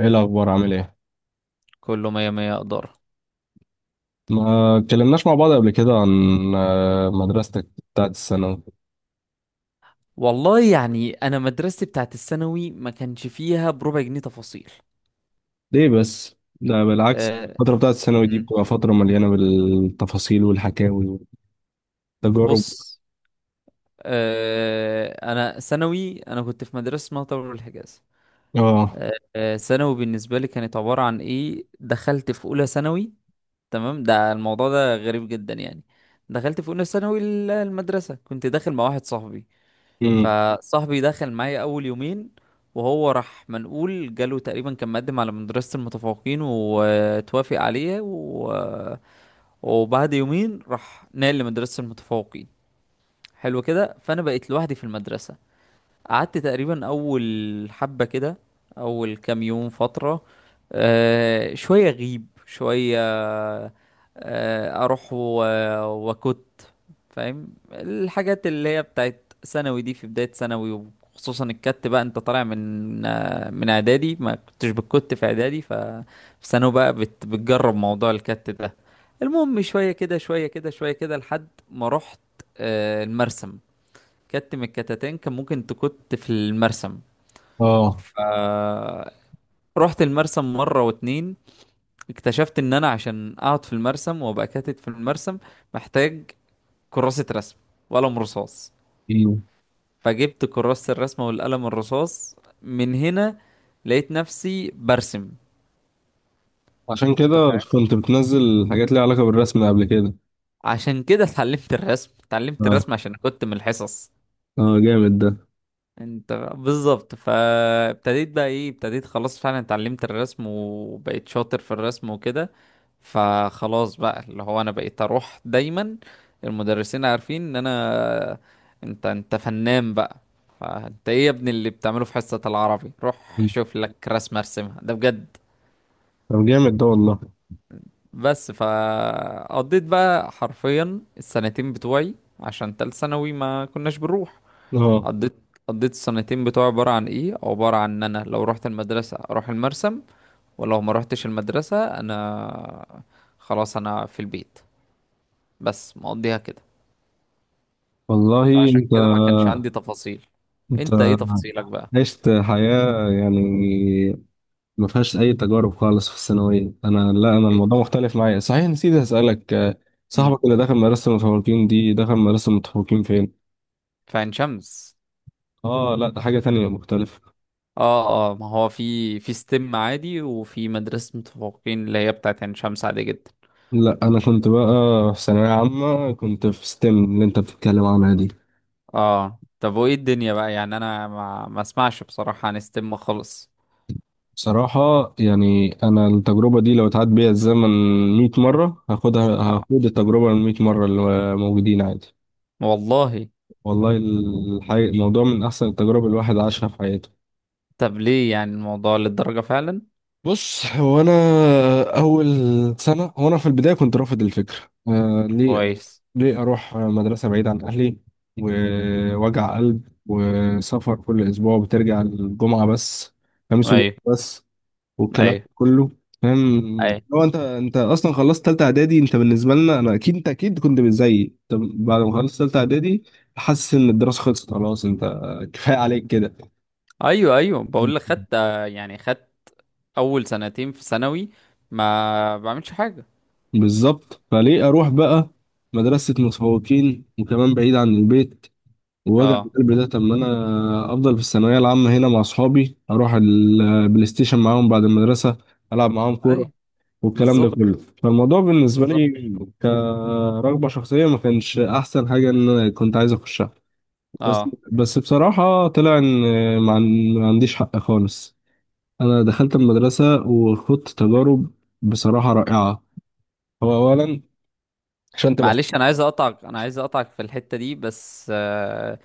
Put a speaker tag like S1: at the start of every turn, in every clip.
S1: ايه الاخبار؟ عامل ايه؟
S2: كله مية مية إدارة.
S1: ما اتكلمناش مع بعض قبل كده عن مدرستك بتاعت الثانوي؟
S2: والله يعني أنا مدرستي بتاعت الثانوي ما كانش فيها بربع جنيه تفاصيل.
S1: ليه بس، ده بالعكس.
S2: أه.
S1: الفتره بتاعت الثانوي دي
S2: مم.
S1: بتبقى فتره مليانه بالتفاصيل والحكاوي والتجارب.
S2: بص. أنا ثانوي، أنا كنت في مدرسة اسمها طلبة الحجاز.
S1: اه.
S2: أه آه، ثانوي بالنسبة لي كانت عبارة عن إيه، دخلت في أولى ثانوي. تمام، ده الموضوع ده غريب جدا يعني. دخلت في أولى ثانوي المدرسة، كنت داخل مع واحد صاحبي.
S1: امم.
S2: فصاحبي دخل معايا اول يومين وهو راح منقول، جاله تقريبا كان مقدم على مدرسة المتفوقين وتوافق عليه وبعد يومين راح نقل لمدرسة المتفوقين. حلو كده، فانا بقيت لوحدي في المدرسة. قعدت تقريبا اول حبة كده، اول كام يوم فترة، شوية غيب شوية، أه اروح وكت فاهم الحاجات اللي هي بتاعت ثانوي دي في بداية ثانوي. وخصوصا الكت بقى، انت طالع من من اعدادي، ما كنتش بتكت في اعدادي. ففي ثانوي بقى بتجرب موضوع الكت ده. المهم شوية كده شوية كده شوية كده لحد ما رحت المرسم. كت من الكتتين كان ممكن تكت في المرسم.
S1: اه.
S2: ف رحت المرسم مرة واتنين، اكتشفت ان انا عشان اقعد في المرسم وابقى كاتت في المرسم محتاج كراسة رسم وقلم رصاص.
S1: امم.
S2: فجبت كراسة الرسمة والقلم الرصاص. من هنا لقيت نفسي برسم.
S1: عشان
S2: انت
S1: كده
S2: فاهم؟
S1: كنت بتنزل حاجات ليها علاقه بالرسم قبل كده؟
S2: عشان كده اتعلمت الرسم، اتعلمت
S1: اه.
S2: الرسم عشان كنت من الحصص.
S1: اه، جامد ده.
S2: انت بالظبط. فابتديت بقى ايه ابتديت خلاص، فعلا اتعلمت الرسم وبقيت شاطر في الرسم وكده. فخلاص بقى اللي هو انا بقيت اروح دايما، المدرسين عارفين ان انا انت فنان بقى. فانت ايه يا ابني اللي بتعمله في حصة العربي؟ روح
S1: مم.
S2: شوف لك رسمة ارسمها، ده بجد.
S1: طب جامد ده والله.
S2: بس فقضيت بقى حرفيا السنتين بتوعي، عشان تالت ثانوي ما كناش بنروح.
S1: اه
S2: قضيت قضيت السنتين بتوعي عبارة عن ايه، عبارة عن ان انا لو رحت المدرسة اروح المرسم، ولو ما رحتش المدرسة انا خلاص انا في البيت. بس مقضيها كده.
S1: والله.
S2: فعشان
S1: انت
S2: كده ما كانش عندي تفاصيل.
S1: انت
S2: انت ايه تفاصيلك بقى؟
S1: عشت حياه يعني ما فيهاش اي تجارب خالص في الثانويه. انا، لا، انا
S2: إيه؟
S1: الموضوع مختلف معايا. صحيح، نسيت اسالك.
S2: مم.
S1: صاحبك اللي دخل مدرسه المتفوقين دي، دخل مدرسه المتفوقين فين؟
S2: في عين شمس.
S1: اه، لا، ده حاجه تانية مختلفه.
S2: اه اه، ما هو في ستيم عادي، وفي مدرسة متفوقين اللي هي بتاعت عين شمس عادي جدا.
S1: لا، انا كنت بقى في ثانويه عامه، كنت في ستيم اللي انت بتتكلم عنها دي.
S2: اه طب وايه الدنيا بقى، يعني انا ما اسمعش بصراحة عن ستيم خالص.
S1: بصراحه يعني انا التجربه دي لو اتعاد بيها الزمن 100 مره هاخدها،
S2: آه.
S1: هاخد التجربه ال 100 مره اللي موجودين عادي.
S2: والله.
S1: والله الحقيقة الموضوع من احسن التجارب الواحد عاشها في حياته.
S2: طب ليه يعني الموضوع للدرجة فعلا؟
S1: بص، هو انا اول سنه، هو انا في البدايه كنت رافض الفكره. ليه؟
S2: كويس.
S1: ليه اروح مدرسه بعيد عن اهلي، ووجع قلب، وسفر كل اسبوع، وبترجع الجمعه بس، خميس وجمعه
S2: ايوه
S1: بس، والكلام
S2: ايوه
S1: كله؟ فاهم؟
S2: ايوه
S1: لو انت اصلا خلصت ثالثه اعدادي، انت بالنسبه لنا، انا اكيد انت اكيد كنت زيي. انت بعد ما خلصت ثالثه اعدادي، حاسس ان الدراسه خلصت خلاص، انت كفايه عليك،
S2: ايوه ايوه، بقول
S1: كده.
S2: لك خدت يعني خدت اول سنتين في ثانوي ما بعملش حاجة.
S1: بالظبط. فليه اروح بقى مدرسة متفوقين، وكمان بعيد عن البيت ووجع
S2: اه،
S1: القلب ده؟ طب ما انا افضل في الثانوية العامة هنا مع اصحابي، اروح البلاي ستيشن معاهم بعد المدرسة، العب معاهم كورة،
S2: ايوه
S1: والكلام ده
S2: بالظبط
S1: كله. فالموضوع بالنسبة
S2: بالظبط.
S1: لي كرغبة شخصية ما كانش احسن حاجة ان انا كنت عايز اخشها. بس
S2: اه
S1: بس بصراحة طلع ان ما عنديش حق خالص. انا دخلت المدرسة وخدت تجارب بصراحة رائعة. هو اولا، عشان تبقى…
S2: معلش، انا عايز اقطعك في الحتة دي بس.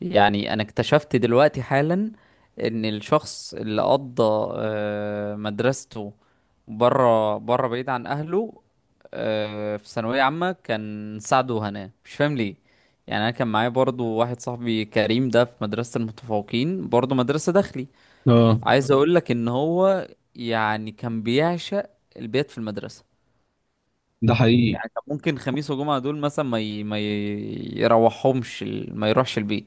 S2: يعني انا اكتشفت دلوقتي حالا ان الشخص اللي قضى مدرسته بره بره بعيد عن اهله في ثانوية عامة كان سعد وهناء، مش فاهم ليه. يعني انا كان معايا برضو واحد صاحبي كريم ده، في مدرسة المتفوقين برضو، مدرسة داخلي.
S1: اه،
S2: عايز اقول لك ان هو يعني كان بيعشق البيت في المدرسة.
S1: ده حقيقي.
S2: يعني طب ممكن خميس وجمعة دول مثلا ما ي... ما ي... يروحهمش ما يروحش البيت،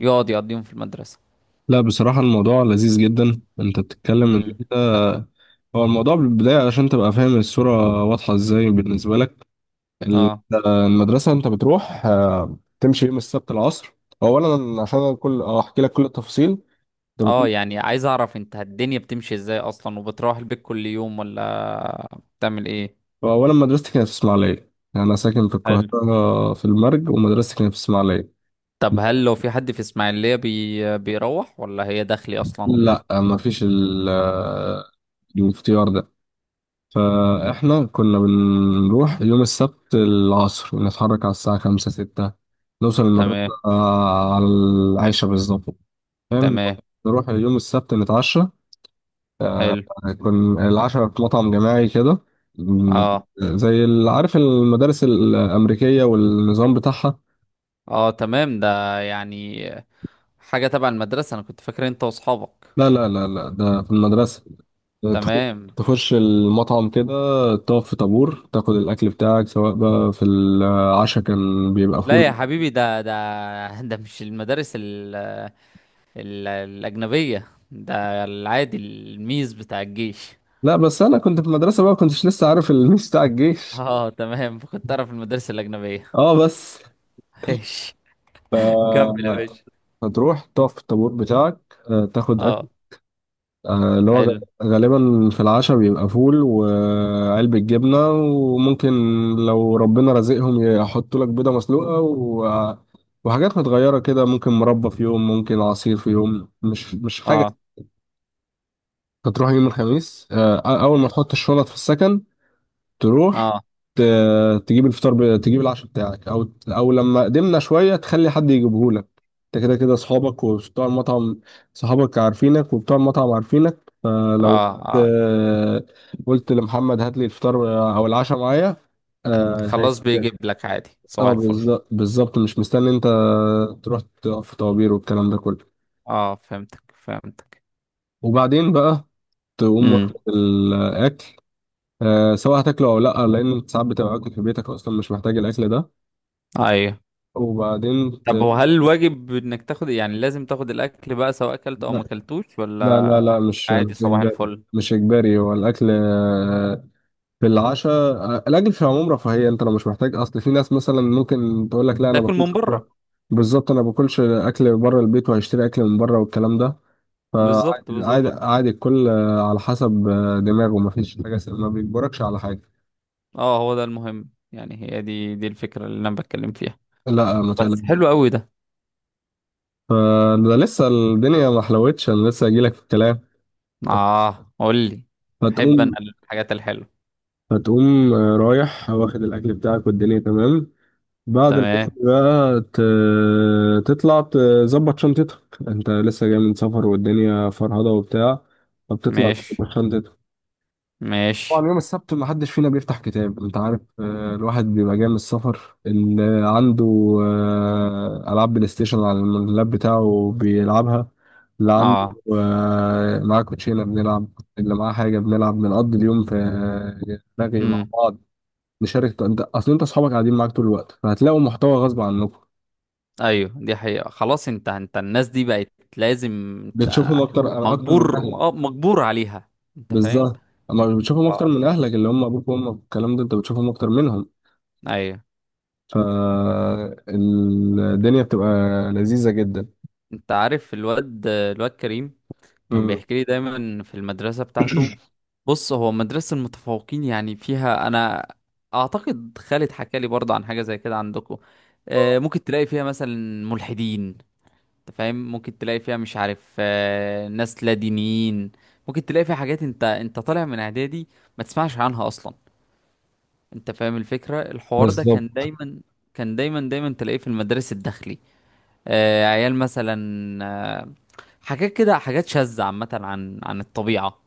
S2: يقعد يقضيهم في المدرسة.
S1: لا، بصراحة الموضوع لذيذ جدا. انت بتتكلم ان
S2: امم
S1: انت… هو الموضوع بالبداية، علشان تبقى فاهم الصورة واضحة ازاي بالنسبة لك، ال-
S2: اه
S1: المدرسة، انت بتروح تمشي يوم السبت العصر. اولا، عشان كل اه احكي لك كل التفاصيل، انت
S2: اه،
S1: بت-
S2: يعني عايز اعرف انت الدنيا بتمشي ازاي اصلا، وبتروح البيت كل يوم ولا بتعمل ايه؟
S1: اولا مدرستي كانت في اسماعيلية. يعني انا ساكن في
S2: حلو.
S1: القاهرة في المرج، ومدرستي كانت في اسماعيلية.
S2: طب هل لو في حد في اسماعيلية بيروح ولا هي داخلي اصلا؟
S1: لا، ما فيش الاختيار ده. فاحنا كنا بنروح يوم السبت العصر، ونتحرك على الساعة خمسة ستة، نوصل المدرسة
S2: تمام.
S1: على العاشرة بالظبط. فاهم؟
S2: تمام.
S1: نروح يوم السبت، نتعشى.
S2: حلو.
S1: كان العشاء في مطعم جماعي كده، م-
S2: اه
S1: زي عارف المدارس الأمريكية والنظام بتاعها.
S2: اه تمام. ده يعني حاجة تبع المدرسة؟ انا كنت فاكر انت واصحابك.
S1: لا لا لا لا، ده في المدرسة. تخ-
S2: تمام.
S1: تخش المطعم كده، تقف في طابور، تاخد الأكل بتاعك. سواء بقى في العشاء كان بيبقى
S2: لا يا
S1: فول.
S2: حبيبي، ده مش المدارس ال الأجنبية ده العادي الميز بتاع الجيش.
S1: لا، بس انا كنت في المدرسه بقى، كنتش لسه عارف الميس بتاع الجيش.
S2: اه تمام، كنت أعرف المدارس الأجنبية.
S1: اه بس.
S2: ماشي. كمل يا باشا.
S1: هتروح تقف في الطابور بتاعك، تاخد اكل،
S2: اه.
S1: آه، اللي هو غ-
S2: حلو.
S1: غالبا في العشاء بيبقى فول وعلبة جبنة، وممكن لو ربنا رزقهم يحطوا لك بيضة مسلوقة، وحاجات متغيرة كده. ممكن مربى في يوم، ممكن عصير في يوم. مش حاجة.
S2: اه.
S1: تروح يوم الخميس، أول ما
S2: مم.
S1: تحط الشنط في السكن، تروح
S2: اه
S1: ت- تجيب العشاء بتاعك، او لما قدمنا شويه تخلي حد يجيبه لك. انت كده كده اصحابك وبتوع المطعم، صحابك عارفينك وبتوع المطعم عارفينك، فلو
S2: اه اه،
S1: آه، قلت لمحمد هات لي الفطار او العشاء معايا… اه هي-
S2: خلاص بيجيب لك عادي صباح الفل.
S1: بالظبط، بالظبط. مش مستني انت تروح تقف في طوابير والكلام ده كله.
S2: اه فهمتك فهمتك.
S1: وبعدين بقى تقوم
S2: امم
S1: واخد الاكل، سواء هتاكله او لا، لان انت ساعات بتبقى اكل في بيتك اصلا، مش محتاج الاكل ده.
S2: ايوه.
S1: وبعدين
S2: طب
S1: ت...
S2: وهل الواجب انك تاخد، يعني لازم تاخد الاكل بقى سواء اكلت او ما
S1: لا
S2: اكلتوش
S1: لا
S2: ولا
S1: لا لا، مش
S2: عادي صباح
S1: إجباري،
S2: الفل؟
S1: مش إجباري. هو الأكل في العشاء، الأكل في العموم رفاهية. أنت لو مش محتاج، أصل في ناس مثلا ممكن تقول لك لا، أنا
S2: تاكل
S1: باكلش.
S2: من بره.
S1: بالظبط. أنا باكلش أكل بره البيت، وهشتري أكل من بره والكلام ده.
S2: بالظبط
S1: فعادي، عادي،
S2: بالظبط.
S1: عادي. الكل على حسب دماغه. مفيش حاجة ما بيجبركش على حاجة.
S2: اه هو ده المهم، يعني هي دي الفكرة اللي انا بتكلم فيها.
S1: لا، ما
S2: بس
S1: تقلقش.
S2: حلو قوي ده.
S1: فده لسه الدنيا ما حلوتش، أنا لسه هجيلك في الكلام.
S2: اه قول لي، احب انا
S1: فتقوم
S2: الحاجات الحلوة.
S1: فتقوم رايح واخد الأكل بتاعك والدنيا تمام. بعد الأكل
S2: تمام.
S1: بقى تطلع تظبط شنطتك. انت لسه جاي من سفر والدنيا فرهضة وبتاع. فبتطلع
S2: ماشي
S1: تظبط شنطتك.
S2: ماشي.
S1: طبعا يوم السبت ما حدش فينا بيفتح كتاب، انت عارف، الواحد بيبقى جاي من السفر. اللي عنده ألعاب بلاي ستيشن على اللاب بتاعه بيلعبها. اللي عنده
S2: اه.
S1: معاه كوتشينة بنلعب. اللي معاه حاجة بنلعب. بنقضي اليوم في رغي مع
S2: امم
S1: بعض، نشارك. انت، اصل انت اصحابك قاعدين معاك طول الوقت، فهتلاقوا محتوى غصب عنكم.
S2: ايوه دي حقيقة. خلاص انت انت الناس دي بقت لازم انت
S1: بتشوفهم اكتر اكتر من
S2: مجبور،
S1: اهلك.
S2: اه مجبور عليها. انت فاهم.
S1: بالظبط. اما مش بتشوفهم اكتر
S2: اه.
S1: من اهلك اللي هم ابوك وامك والكلام ده، انت بتشوفهم اكتر منهم.
S2: ايوه.
S1: فالدنيا بتبقى لذيذة جدا.
S2: انت عارف الواد كريم كان
S1: مم.
S2: بيحكي لي دايما في المدرسة بتاعته. بص، هو مدرسة المتفوقين يعني فيها، أنا أعتقد خالد حكى لي برضه عن حاجة زي كده عندكم. ممكن تلاقي فيها مثلا ملحدين. أنت فاهم؟ ممكن تلاقي فيها مش عارف ناس لا دينيين. ممكن تلاقي فيها حاجات، أنت طالع من إعدادي ما تسمعش عنها أصلا. أنت فاهم الفكرة؟ الحوار ده كان
S1: بالظبط،
S2: دايما، كان دايما دايما تلاقيه في المدارس الداخلي. عيال مثلا، آه، حاجات كده، حاجات شاذة عامة عن الطبيعة.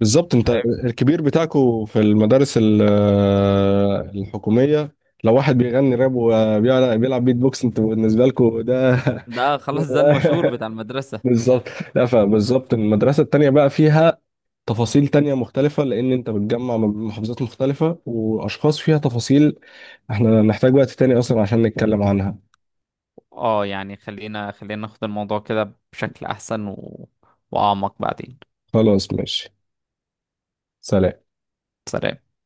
S1: بالظبط.
S2: انت
S1: انت
S2: فاهم.
S1: الكبير بتاعكو في المدارس الحكومية لو واحد بيغني راب وبيلعب بيت بوكس، انتوا بالنسبة لكو ده…
S2: ده خلاص ده المشهور بتاع المدرسة.
S1: بالظبط. لا، فبالظبط المدرسة التانية بقى فيها تفاصيل تانية مختلفة، لأن أنت بتجمع من محافظات مختلفة، وأشخاص فيها تفاصيل إحنا نحتاج وقت تاني أصلا عشان نتكلم عنها.
S2: اه يعني خلينا خلينا ناخد الموضوع كده بشكل احسن واعمق بعدين.
S1: خلاص، ماشي. سلام.
S2: سلام.